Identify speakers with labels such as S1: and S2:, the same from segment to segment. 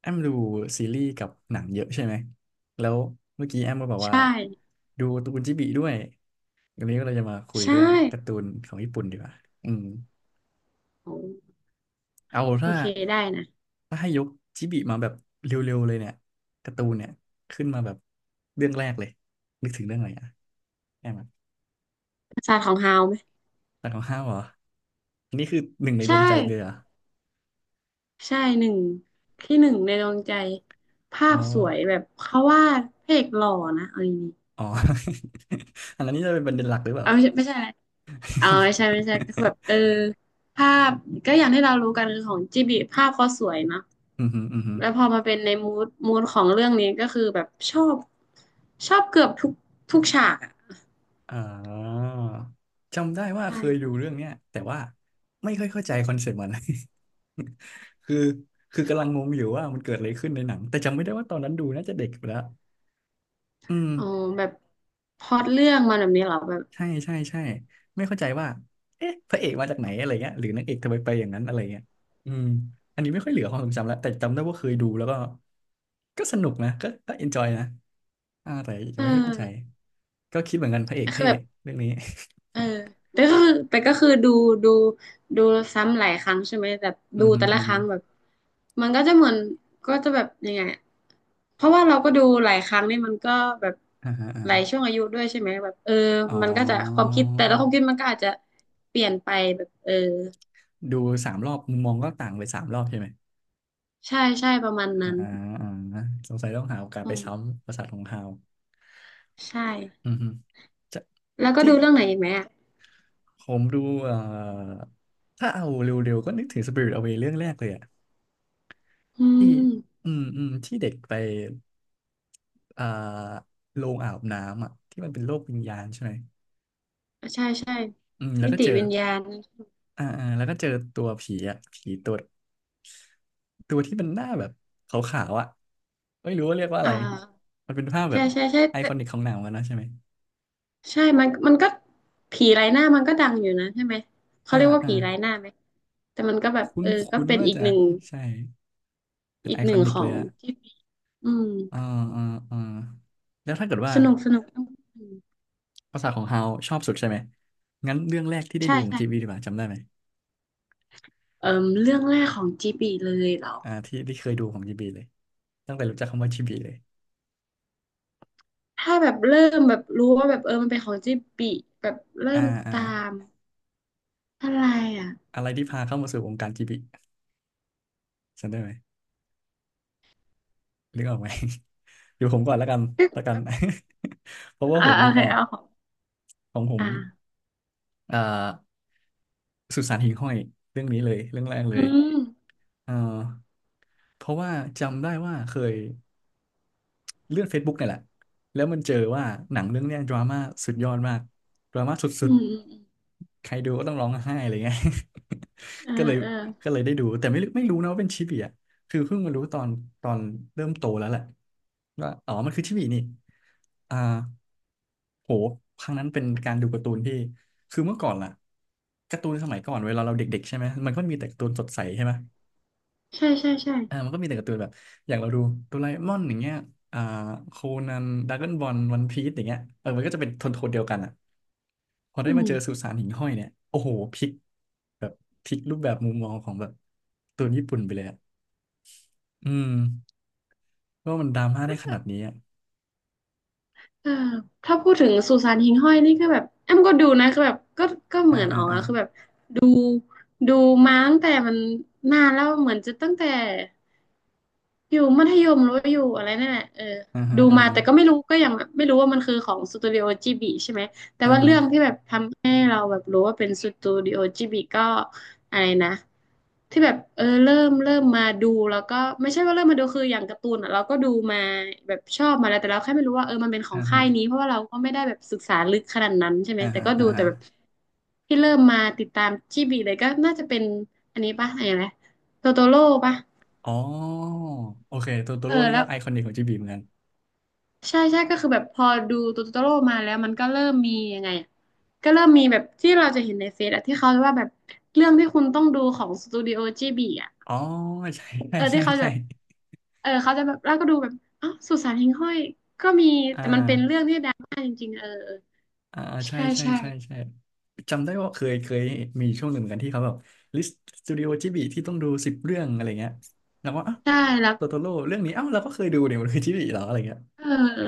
S1: แอมดูซีรีส์กับหนังเยอะใช่ไหมแล้วเมื่อกี้แอมก็บอกว่า
S2: ใช่
S1: ดูการ์ตูนจิบิด้วยวันนี้ก็เราจะมาคุย
S2: ใช
S1: เรื่องการ์
S2: ่
S1: ตูนของญี่ปุ่นดีกว่าอืม
S2: โอ้
S1: เอา
S2: โอ
S1: ถ้า
S2: เคได้นะ
S1: ถ้าให้ยกจิบิมาแบบเร็วๆเลยเนี่ยการ์ตูนเนี่ยขึ้นมาแบบเรื่องแรกเลยนึกถึงเรื่องอะไรอ่ะแอมอะ
S2: ปราสาทของฮาวไหม
S1: หลักของห้าวเหรออันนี้คือหนึ่งในด
S2: ใช่
S1: วงใจเลยเหรอ
S2: ใช่หนึ่งที่หนึ่งในดวงใจภา
S1: อ๋
S2: พสวย
S1: อ
S2: แบบเขาวาดพระเอกหล่อนะเอาดี
S1: อ๋อ อันนั้นนี่จะเป็นประเด็นหลักหรือเป
S2: ๆ
S1: ล่า
S2: เอาไม่ใช่ไม่ใช่อะไรเอาไม่ใช่ไม่ใช่ก็คือแบบภาพก็อย่างที่เรารู้กันคือของจิบลิภาพเขาสวยเนอะ
S1: อืมอหืมออือหือ
S2: แล้วพอมาเป็นในมูดของเรื่องนี้ก็คือแบบชอบชอบเกือบทุกฉากอ่ะ
S1: อ่าจำได้ว่าเคยดู
S2: ใช่
S1: เรื่องเนี้ยแต่ว่าไม่ค่อยเข้าใจคอนเซ็ปต์มัน คือคือกำลังงงอยู่ว่ามันเกิดอะไรขึ้นในหนังแต่จำไม่ได้ว่าตอนนั้นดูน่าจะเด็กไปแล้วอืม
S2: อ๋อแบบพล็อตเรื่องมันแบบนี้เหรอแบบ
S1: ใช่ใช่ใช่ไม่เข้าใจว่าเอ๊ะพระเอกมาจากไหนอะไรเงี้ยหรือนางเอกทำไมไปอย่างนั้นอะไรเงี้ยอืมอันนี้ไม่ค่อยเหลือความทรงจำแล้วแต่จำได้ว่าเคยดูแล้วก็ก็สนุกนะก็เอนจอยนะอ่าแต่ยัง
S2: เอ
S1: ไม่ค่อยเข้าใจ
S2: อ
S1: ก็คิดเหมือนกันพระเอก
S2: คื
S1: เท่
S2: อแบบ
S1: เรื่องนี้
S2: เออแต่ก็คือดูดูดูซ้ำหลายครั้งใช่ไหมแต่
S1: อื
S2: ดู
S1: มฮึ
S2: แต่
S1: อื
S2: ละ
S1: ม
S2: ค
S1: ฮึ
S2: รั้งแบบมันก็จะเหมือนก็จะแบบยังไงอะเพราะว่าเราก็ดูหลายครั้งนี่มันก็แบบ
S1: อ่าฮะอ่า
S2: หลายช่วงอายุด้วยใช่ไหมแบบ
S1: อ๋
S2: มันก็จะควา
S1: อ
S2: มคิดแต่ละความคิดมันก็อาจจะเปลี่ยนไปแบบเออ
S1: ดูสามรอบมุมมองก็ต่างไปสามรอบใช่ไหม
S2: ใช่ใช่ประมาณ
S1: อ่า
S2: นั้น
S1: อ่าสงสัยต้องหาโอกาส
S2: อื
S1: ไป
S2: ม
S1: ซ้ำประสาทของฮาว
S2: ใช่
S1: อือฮึจะ
S2: แล้วก็
S1: ที่
S2: ดูเรื่องไหนอีกไหมอ่ะ
S1: ผมดูเอ่อถ้าเอาเร็วๆก็นึกถึง Spirit Away เรื่องแรกเลยอะ
S2: อื
S1: ที่
S2: ม
S1: อืมอืมที่เด็กไปอ่าโรงอาบน้ำอะที่มันเป็นโลกวิญญาณใช่ไหม
S2: ใช่ใช่
S1: อืมแล้ว
S2: มิ
S1: ก็
S2: ติ
S1: เจอ
S2: วิญญาณ
S1: อ่าอ่าแล้วก็เจอตัวผีอะผีตัว ตัวที่มันหน้าแบบขาวๆอ่ะไม่รู้ว่าเรียกว่าอะ
S2: อ่
S1: ไร
S2: า
S1: มันเป็นภาพแบ
S2: ใช่
S1: บ
S2: ใช่ใช่
S1: ไอคอนิกของหนังมันนะใช่ไหม
S2: ใช่มันก็ผีไร้หน้ามันก็ดังอยู่นะใช่ไหมเขา
S1: อ่า
S2: เรียกว่า
S1: อ่า
S2: ผีไร้หน้าไหมแต่มันก็แบบ
S1: คุ้น
S2: ก็
S1: คุ้น
S2: เป็น
S1: ว่า
S2: อีก
S1: จะ
S2: หนึ่ง
S1: ใช่ เป็น
S2: อีก
S1: ไอ
S2: ห
S1: คอ
S2: นึ่ง
S1: นิ
S2: ข
S1: ก
S2: อ
S1: เลย
S2: ง
S1: อ่ะ
S2: ที่อืม
S1: อ่าอ่าอ่าแล้วถ้าเกิดว่า
S2: สนุกสนุกอืม
S1: ภาษาของฮาวชอบสุดใช่ไหม งั้นเรื่องแรกที่ได้
S2: ใช่
S1: ดูของ
S2: ใช่
S1: จีบีดีกว่าจำได้ไหม
S2: เออเรื่องแรกของจีบีเลยเหรอ
S1: อ่าที่ที่เคยดูของจีบีเลย ตั้งแต่รู้จักคำว่าจีบีเลย
S2: ถ้าแบบเริ่มแบบรู้ว่าแบบมันเป็นของจีบีแบบเริ่
S1: อ่า
S2: ม
S1: อ่า
S2: ตามอะไรอ่ะ
S1: อะไรที่พาเข้ามาสู่วงการจีบีจำได้ไหมนึกออกไหม เดี๋ยวผมก่อนแล้วกัน
S2: ก็
S1: แล้วกั
S2: แบ
S1: น
S2: บ
S1: เพราะว่า
S2: อ่า
S1: ผม
S2: โอ
S1: นึก
S2: เค
S1: ออก
S2: เอาของ
S1: ของผม
S2: อ่า
S1: เอ่อสุสานหิ่งห้อยเรื่องนี้เลยเรื่องแรกเล
S2: อื
S1: ย
S2: ม
S1: เอ่อเพราะว่าจำได้ว่าเคยเลื่อน Facebook เนี่ยแหละแล้วมันเจอว่าหนังเรื่องเนี้ยดราม่าสุดยอดมากดราม่าสุ
S2: อื
S1: ด
S2: มอืมอืม
S1: ๆใครดูก็ต้องร้องไห้อะไรเงี้ย
S2: เออ
S1: ก็เลย
S2: เออ
S1: ก็เลยได้ดูแต่ไม่รู้ไม่รู้นะว่าเป็นชิบีอ่ะคือเพิ่งมารู้ตอนตอนเริ่มโตแล้วแหละว่าอ๋อมันคือชิบีนี่ อ่าโหครั้งนั้นเป็นการดูการ์ตูนที่คือเมื่อก่อนล่ะการ์ตูนสมัยก่อนเวลาเราเด็กๆใช่ไหมมันก็มีแต่การ์ตูนสดใสใช่ไหม
S2: ใช่ใช่ใช่
S1: อ่ามันก็มีแต่การ์ตูนแบบอย่างเราดูโดราเอมอนอย่างเงี้ยอ่าโคนันดราก้อนบอลวันพีซอย่างเงี้ยเออมันก็จะเป็นโทนโทนเดียวกันอ่ะพอได้
S2: อื
S1: มา
S2: ม
S1: เจอสุสานหิ่งห้อยเนี่ยโอ้โหพลิกแบบพลิกรูปแบบมุมมองของแบบการ์ตูนญี่ปุ่นไปเลยอ่ะอืมว่ามันดราม่าได้ขนาดนี้อ่ะ
S2: เออถ้าพูดถึงสุสานหิ่งห้อยนี่ก็แบบแอมก็ดูนะคือแบบก็ก็เห
S1: อ่า
S2: มือน
S1: อ่า
S2: อ๋อ
S1: อ่า
S2: คือแบบดูมาตั้งแต่มันนานแล้วเหมือนจะตั้งแต่ อยู่มัธยมหรือว่าอยู่อะไรนั่นแหละเออ
S1: อ่าฮะ
S2: ดู
S1: อ่า
S2: มา
S1: ฮะ
S2: แต่ก็ไม่รู้ก็ยังแบบไม่รู้ว่ามันคือของสตูดิโอจิบิใช่ไหมแต่
S1: อ่า
S2: ว่า
S1: ฮะ
S2: เรื่องที่แบบทำให้เราแบบรู้ว่าเป็นสตูดิโอจิบิก็อะไรนะที่แบบเริ่มมาดูแล้วก็ไม่ใช่ว่าเริ่มมาดูคืออย่างการ์ตูนอ่ะเราก็ดูมาแบบชอบมาแล้วแต่เราแค่ไม่รู้ว่ามันเป็นของ
S1: อ่า
S2: ค่า
S1: ฮะ
S2: ยนี้เพราะว่าเราก็ไม่ได้แบบศึกษาลึกขนาดนั้นใช่ไหม
S1: อ่า
S2: แต่
S1: ฮะ
S2: ก็
S1: อ่า
S2: ดูแต่
S1: ฮะ
S2: แบบที่เริ่มมาติดตามจิบิเลยก็น่าจะเป็นอันนี้ปะอะไรนะโตโตโร่ปะ
S1: อ๋อโอเคตัวตัว
S2: เอ
S1: โล
S2: อ
S1: กนี่
S2: แล้
S1: ก็
S2: ว
S1: ไอคอนิกของจีบีเหมือนกัน
S2: ใช่ใช่ก็คือแบบพอดูตูตโตโร่มาแล้วมันก็เริ่มมียังไงอะก็เริ่มมีแบบที่เราจะเห็นในเฟซอะที่เขาว่าแบบเรื่องที่คุณต้องดูของสตูดิโอจบีอะ
S1: อ๋อใช่ ใช่
S2: เออ
S1: ใช่
S2: ที่เขา
S1: ใช่
S2: แบบเขาจะแบบแล้วก็ดูแบบอ้าวสุสานหิ่งห้อยก็มี
S1: อ่
S2: แต่มันเป็นเรื่อ
S1: า
S2: งที่ดังมากจริงๆเออ
S1: อ่าใช่
S2: ใช่
S1: ใช่
S2: ใช่
S1: ใช่ใช่จำได้ว่าเคยเคยมีช่วงหนึ่งเหมือนกันที่เขาแบบลิสต์สตูดิโอจีบีที่ต้องดูสิบเรื่องอะไรเงี้ยแล้วว่าอ้าว
S2: ใช่แล้ว
S1: ตัวตัวโลเรื่องนี้อ้าวเราก็เคยดูเนี่ยมันคือจีบีเหรออะไรเงี้ย
S2: เออเออ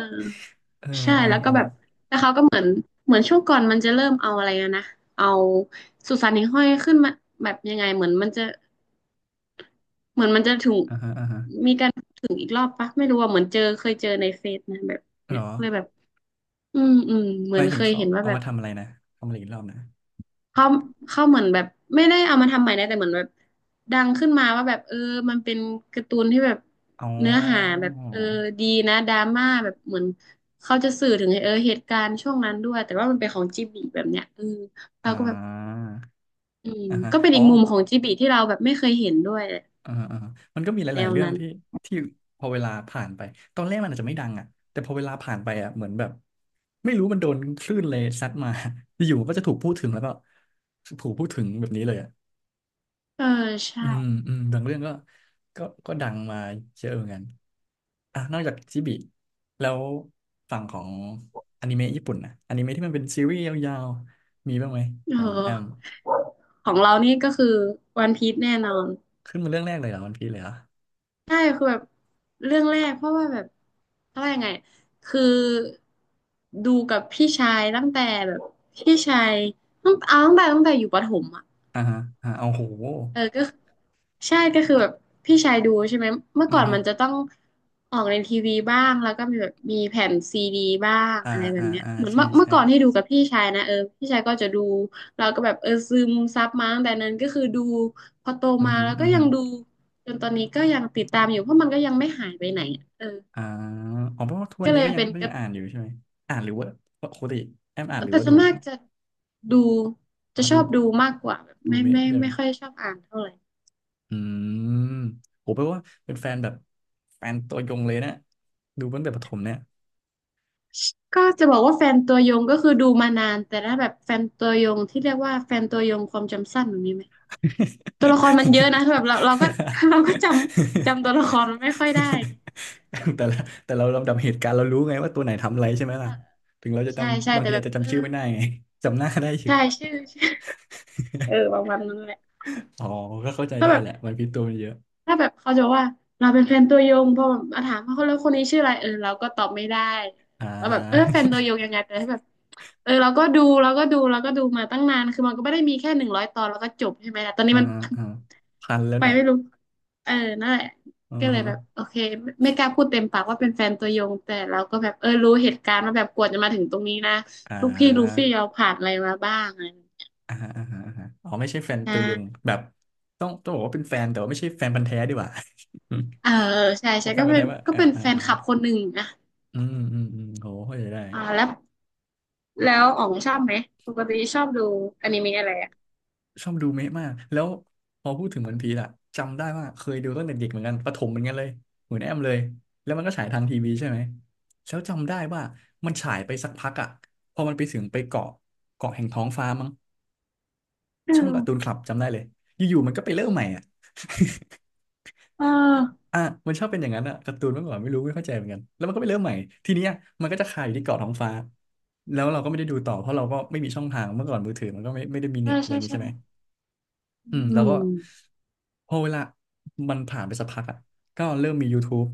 S1: เออ
S2: ใช่แล้ว
S1: เอ
S2: ก็
S1: อ
S2: แบบแล้วเขาก็เหมือนเหมือนช่วงก่อนมันจะเริ่มเอาอะไรนะเอาสุสานหิ่งห้อยขึ้นมาแบบยังไงเหมือนมันจะ เหมือนมันจะถึง
S1: เอออ่าฮะอ่าฮะ
S2: มีการถึงอีกรอบปะไม่รู้ว่าเหมือนเจอเคยเจอในเฟซนะแบบ
S1: เหร
S2: เนี่ย
S1: อ
S2: เลยแบบอืมอืมเห
S1: ห
S2: มือ
S1: มา
S2: น
S1: ยถึ
S2: เค
S1: ง
S2: ย
S1: เขา
S2: เห็นว่า
S1: เอา
S2: แบ
S1: มา
S2: บ
S1: ทำอะไรนะทำอะไรอีกรอบนะ
S2: เขาเขาเหมือนแบบไม่ได้เอามาทำใหม่นะแต่เหมือนแบบดังขึ้นมาว่าแบบมันเป็นการ์ตูนที่แบบ
S1: อ๋อ
S2: เนื้อหาแบบดีนะดราม่าแบบเหมือนเขาจะสื่อถึงเหตุการณ์ช่วงนั้นด้วยแต่ว่ามันเป็นของจิบลิแบบเนี้ยเออเรา
S1: อ่
S2: ก็แบบ
S1: า
S2: อืม
S1: อ่าฮะ
S2: ก็เป็น
S1: อ๋อ
S2: อีกมุมของจิบลิที่เราแบบไม่เคยเห็นด้วย
S1: อ่าอ่ามันก็มีห
S2: แน
S1: ลาย
S2: ว
S1: ๆเรื่อง
S2: นั้น
S1: ที่พอเวลาผ่านไปตอนแรกมันอาจจะไม่ดังอ่ะแต่พอเวลาผ่านไปอ่ะเหมือนแบบไม่รู้มันโดนคลื่นเลยซัดมา อยู่ๆมันก็จะถูกพูดถึงแล้วก็ถูกพูดถึงแบบนี้เลยอ่ะ
S2: เออใช่
S1: อืมอืมบางเรื่องก็ก็ดังมาเยอะเหมือนกันอ่ะนอกจากจิบิแล้วฝั่งของอนิเมะญี่ปุ่นนะอนิเมะที่มันเป็นซีรีส์ยาวๆมีบ้างไหม
S2: เ
S1: ของแอม
S2: ออ ของเรานี่ก็คือวันพี e แน่นอน
S1: ขึ้นมาเรื่องแรกเลยเหรอวันพีเลยเหรอ
S2: ใช่คือแบบเรื่องแรกเพราะว่าแบบเพราะว่ายังไงคือดูกับพี่ชายตั้งแต่แบบพี่ชายตั้งเอาตั้งแต่ตั้งแต่อยู่ประถมอะ
S1: อ่าฮะอ่าเอาโห
S2: เออก็ใช่ก็คือแบบพี่ชายดูใช่ไหมเมื่อ
S1: อื
S2: ก่อ
S1: อ
S2: น
S1: ฮึ
S2: มันจะต้องออกในทีวีบ้างแล้วก็มีแบบมีแผ่นซีดีบ้าง
S1: อ่า
S2: อะไรแบ
S1: อ่า
S2: บเนี้ย
S1: อ่า
S2: เหมือน
S1: ใช่
S2: เมื่อเมื่
S1: ใช่
S2: อก่อนที่ดูกับพี่ชายนะเออพี่ชายก็จะดูเราก็แบบซึมซับมาตั้งแต่นั้นก็คือดูพอโต
S1: อือ
S2: มา
S1: หือ
S2: แล้วก็
S1: อือ
S2: ยั
S1: หื
S2: ง
S1: อ
S2: ดูจนตอนนี้ก็ยังติดตามอยู่เพราะมันก็ยังไม่หายไปไหนอะเออ
S1: อ่าอ๋อเพราะว่าทุกวั
S2: ก็
S1: น
S2: เล
S1: นี้
S2: ย
S1: ก็ยัง
S2: เป็น
S1: ก็
S2: ก
S1: ยั
S2: ระ
S1: งอ่านอยู่ใช่ไหมอ่านหรือว่าปกติแอมอ่านหรือ
S2: แต่
S1: ว่า
S2: ส่
S1: ดู
S2: วนมากจะดู
S1: อ๋
S2: จะ
S1: อ
S2: ช
S1: ดู
S2: อบดูมากกว่าแบบ
S1: ดู
S2: ไม่
S1: เมะ
S2: ไม่
S1: ใช่ไหม
S2: ไม่ค่อยชอบอ่านเท่าไหร่
S1: อืมโหแปลว่าเป็นแฟนแบบแฟนตัวยงเลยนะดูตั้งแต่ประถมเนี่ย
S2: ก็จะบอกว่าแฟนตัวยงก็คือดูมานานแต่ถ้าแบบแฟนตัวยงที่เรียกว่าแฟนตัวยงความจำสั้นแบบนี้ไหมตัวละครมันเยอะนะแบบเราก็ เราก็จำตัวละครมันไม่ค่อยได้ไง
S1: แต่ละแต่เราลำดับเหตุการณ์เรารู้ไงว่าตัวไหนทำอะไรใช่ไหม
S2: เอ
S1: ล่ะ
S2: อ
S1: ถึงเราจะ
S2: ใช่ใช่
S1: จำบาง
S2: แต่
S1: ที
S2: แบ
S1: อาจ
S2: บ
S1: จะ
S2: เออ
S1: จำชื่อไม่ได้ไง จำหน้าได้อยู่
S2: ใช่ชื่อชื่อ เออประมาณนั้นแหละ
S1: อ๋อก็เข้าใจ
S2: ถ้า
S1: ได้
S2: แบบ
S1: แหละมันพิษตัวมันเยอะ
S2: ถ้าแบบเขาจะบอกว่าเราเป็นแฟนตัวยงพอแบบมาถามว่าเขาแล้วคนนี้ชื่ออะไรเราก็ตอบไม่ได้
S1: อ่า
S2: เราแบบแฟนตัวยง ยังไงแต่ถ้าแบบเราก็ดูมาตั้งนานคือมันก็ไม่ได้มีแค่100ตอนแล้วก็จบใช่ไหมล่ะตอนนี้
S1: อ่า
S2: มัน
S1: อ่าพันแล้ว
S2: ไป
S1: เนี่ย
S2: ไม่รู้เออนั่นแหละ
S1: อื
S2: ก็
S1: อ
S2: เลย
S1: ฮะ
S2: แบบโอเคไม่กล้าพูดเต็มปากว่าเป็นแฟนตัวยง แต่เราก็แบบรู้เหตุการณ์ว่าแบบกว่าจะมาถึงตรงนี้นะ
S1: อ่
S2: ลูกพี่ลู
S1: า
S2: ฟี่เราผ่านอะไรมาบ้างอะไรอย่างเงี้ย
S1: อ่าอ่าอาอ่าอ๋อไม่ใช่แฟน
S2: อ
S1: ตัวยง
S2: ่า
S1: แบบ ต้องบอกว่าเป็นแฟน แต่ว่าไม่ใช่แฟนพันธุ์แท้ดีกว่า
S2: เออใช่ ใช่
S1: ว่าแฟ
S2: ก็
S1: นพันธุ์
S2: เป็น
S1: แท้ว่า
S2: ก็
S1: อ่า
S2: เป็น
S1: อ่า
S2: แฟน
S1: อ่า
S2: คลับคนหนึ่งนะ
S1: อืมอืมอืมโหเข้าใจได้
S2: อ่าแล้วอ๋องชอบไหม ปกติชอบดูอนิเมะอะไรอ่ะ
S1: ชอบดูเมะมากแล้วพอพูดถึงวันพีซอะจำได้ว่าเคยดูตั้งแต่เด็กเหมือนกันประถมเหมือนกันเลยเหมือนแอมเลยแล้วมันก็ฉายทางทีวีใช่ไหมแล้วจำได้ว่ามันฉายไปสักพักอะพอมันไปถึงไปเกาะเกาะแห่งท้องฟ้ามั้ง
S2: อื
S1: ช่อ
S2: ม
S1: งการ์ตูนคลับจำได้เลยอยู่ๆมันก็ไปเริ่มใหม่อะ
S2: เออ
S1: อ่ะมันชอบเป็นอย่างนั้นอะการ์ตูนเมื่อก่อนไม่รู้ไม่เข้าใจเหมือนกันแล้วมันก็ไปเริ่มใหม่ทีเนี้ยมันก็จะคาอยู่ที่เกาะท้องฟ้าแล้วเราก็ไม่ได้ดูต่อเพราะเราก็ไม่มีช่องทางเมื่อก่อนมือถือมันก็ไม่ได้มี
S2: ใช่
S1: เน็ตอะไรอ
S2: ใช่
S1: ย่างงี้
S2: ใช่
S1: ใช่ไหม อืม
S2: อื
S1: แล้วก็
S2: ม
S1: พอเวลามันผ่านไปสักพักอ่ะก็เริ่มมี YouTube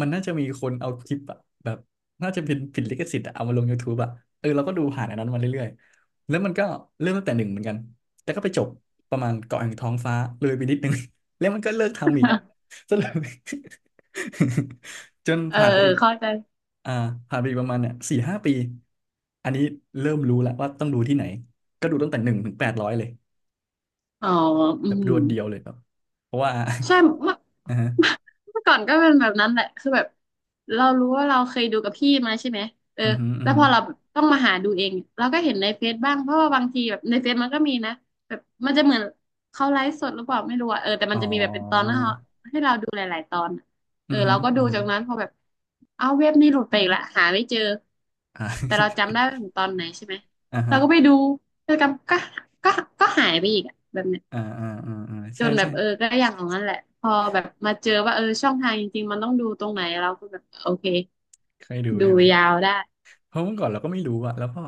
S1: มันน่าจะมีคนเอาคลิปอะแบบน่าจะเป็นผิดลิขสิทธิ์อะเอามาลง YouTube อ่ะเออเราก็ดูผ่านอันนั้นมาเรื่อยๆแล้วมันก็เริ่มตั้งแต่หนึ่งเหมือนกันแต่ก็ไปจบประมาณเกาะแห่งท้องฟ้าเลยไปนิดนึง แล้วมันก็เลิกทำอีก ซะเลย จน
S2: เออ
S1: ผ่านไปอีก
S2: เข้าใจ
S1: อ่าผ่านไปอีกประมาณเนี่ยสี่ห้าปีอันนี้เริ่มรู้แล้วว่าต้องดูที่ไหนก็ดูตั้งแต่หนึ่งถึงแปดร้อยเลย
S2: อ๋ออื
S1: แบบ
S2: ม
S1: ดวลเดียวเลยแบบเพราะว่า
S2: ใช่เมื่อ
S1: อ่อฮะ
S2: เมื่อก่อนก็เป็นแบบนั้นแหละคือแบบเรารู้ว่าเราเคยดูกับพี่มาใช่ไหมเออ
S1: อือฮึอือ
S2: แล้ว
S1: ฮึ
S2: พอเราต้องมาหาดูเองเราก็เห็นในเฟซบ้างเพราะว่าบางทีแบบในเฟซมันก็มีนะแบบมันจะเหมือนเขาไลฟ์สดหรือเปล่าไม่รู้อะแต่
S1: อ๋
S2: มั
S1: อ
S2: นจะมีแบบเป็นตอนให้เราดูหลายๆตอนอะ
S1: อือฮึ
S2: เราก็
S1: อื
S2: ดู
S1: อฮึ
S2: จากนั้นพอแบบเอาเว็บนี้หลุดไปอีกละหาไม่เจอ
S1: อ่า
S2: แต่เราจำได้ว่าถึง ตอนไหนใช่ไหม
S1: อ่า
S2: เรา
S1: ฮะ
S2: ก็ไปดูแล้วก็ก็หายไปอีกอะแบบเนี้ย
S1: อ่าอ่าอ่าอ่า
S2: จ
S1: ใช่
S2: นแบ
S1: ใช่
S2: บก็อย่างนั้นแหละพอแบบมาเจอว่าช่องทางจริงๆมันต้องดูตรงไหนเราก็แบบโอเค
S1: เคยดู
S2: ดู
S1: ใช่ไหม
S2: ยาวได้
S1: เพราะเมื่อก่อนเราก็ไม่รู้อะแล้วก็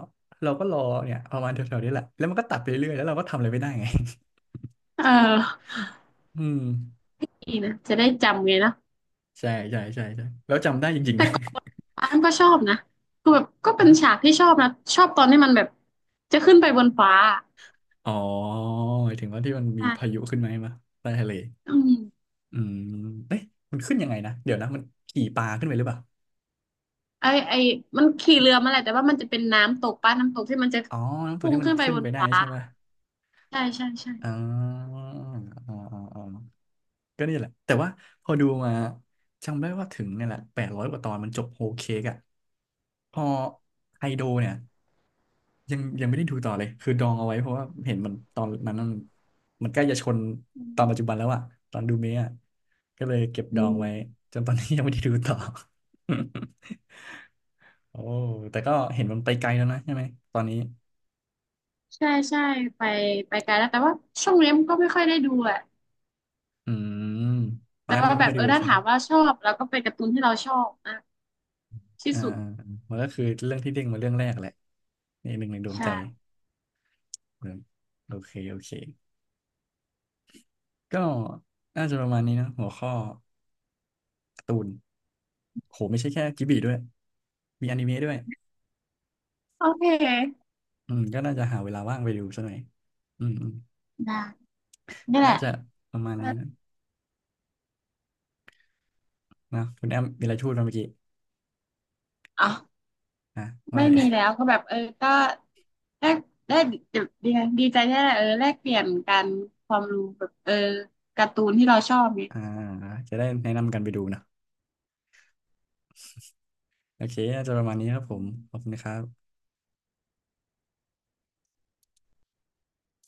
S1: เราก็รอเนี่ยประมาณแถวๆนี้แหละแล้วมันก็ตัดไปเรื่อยแล้วเราก็ทำอะไรไม่ได้ไง
S2: เออ
S1: อืม
S2: นี่นะจะได้จำไงเนาะ
S1: ใช่ใช่ใช่ใช่แล้วจำได้จริงๆ
S2: แต่
S1: นะ
S2: ก่อนอ้ามก็ชอบนะคือแบบก็ เป็นฉา
S1: ฮะ
S2: กที่ชอบนะชอบตอนที่มันแบบจะขึ้นไปบนฟ้า
S1: อ๋อหมายถึงว่าที่มันมีพา
S2: อ่ะ
S1: ยุขึ้นไหมาให้มาใต้ทะเล
S2: อืม
S1: อืมเอ๊ะมันขึ้นยังไงนะ เดี๋ยวนะมันขี่ปลาขึ้นไปหรือเปล่า
S2: ไอมันขี่เรือมาแหละแต่ว่ามันจะเป็นน้ำตกป้าน้ำตกที่มันจะ
S1: อ๋อน้ำตัว
S2: พุ่ง
S1: ที่มัน
S2: ขึ้นไป
S1: ขึ้น
S2: บน
S1: ไปได้
S2: ฟ้า
S1: ใช่ป่ะ
S2: ใช่ใช่ใช่
S1: อ๋ออ๋ออ๋ออ๋อก็นี่แหละแต่ว่าพอดูมาจำได้ว่าถึงเนี่ยแหละแปดร้อยกว่าตอนมันจบโฮลเค้กอ่ะพอไฮโดเนี่ยยังไม่ได้ดูต่อเลย คือดองเอาไว้เพราะว่าเห็นมันตอนนั้นมันใกล้จะชน
S2: อื
S1: ตอนปัจจุ
S2: ม
S1: บันแล้วอะ ตอนดูเมะอะก็เลยเก็บ
S2: อื
S1: ดอง
S2: ม
S1: ไว้จนตอนนี้ยังไม่ได้ดูต่อโอ้แต่ก็เห็นมันไปไกลแล้วนะใช่ไหมตอนนี้
S2: ใช่ใช่ไปไปไกลแล้วแต่ว่าช่วงนี้มันก็ไม่ค่อยได้ดูอ่ะ
S1: อืมอ๋อ
S2: แล้
S1: แอ
S2: ว
S1: ม
S2: ก็
S1: ก็ไม่
S2: แบ
S1: ค่อ
S2: บ
S1: ยได้ดู
S2: ถ้า
S1: ใช่ไหม
S2: ถามว่าชอบเราก็เป็นการ์ตูนที่เราชอบนะที่
S1: อ่า
S2: สุด
S1: มันก็คือเรื่องที่เด้งมาเรื่องแรกแหละในหนึ่งในดวง
S2: ใช่
S1: ใจเออโอเคโอเคก็น่าจะประมาณนี้นะหัวข้อการ์ตูนโหไม่ใช่แค่จิบลิด้วยมีอนิเมะด้วย
S2: โอเค
S1: อืมก็น่าจะหาเวลาว่างไปดูซะหน่อยอืมอืม
S2: ได้นี่แห
S1: น่า
S2: ละ
S1: จะประมาณนี้นะนะคุณแอมมีอะไรพูดมาเมื่อกี้
S2: อ๋อ
S1: อ่ะไม่
S2: ไม่ มีแล้วก็แบบก็แลกได้ดีดีดีใจที่ได้แลกเปลี่ยนกันความรู้แบบการ์ตูนที่เราชอบเนี่ย
S1: อ่าจะได้แนะนำกันไปดูนะโอเคน่าจะประมาณนี้ครับผมขอบคุณนะครับ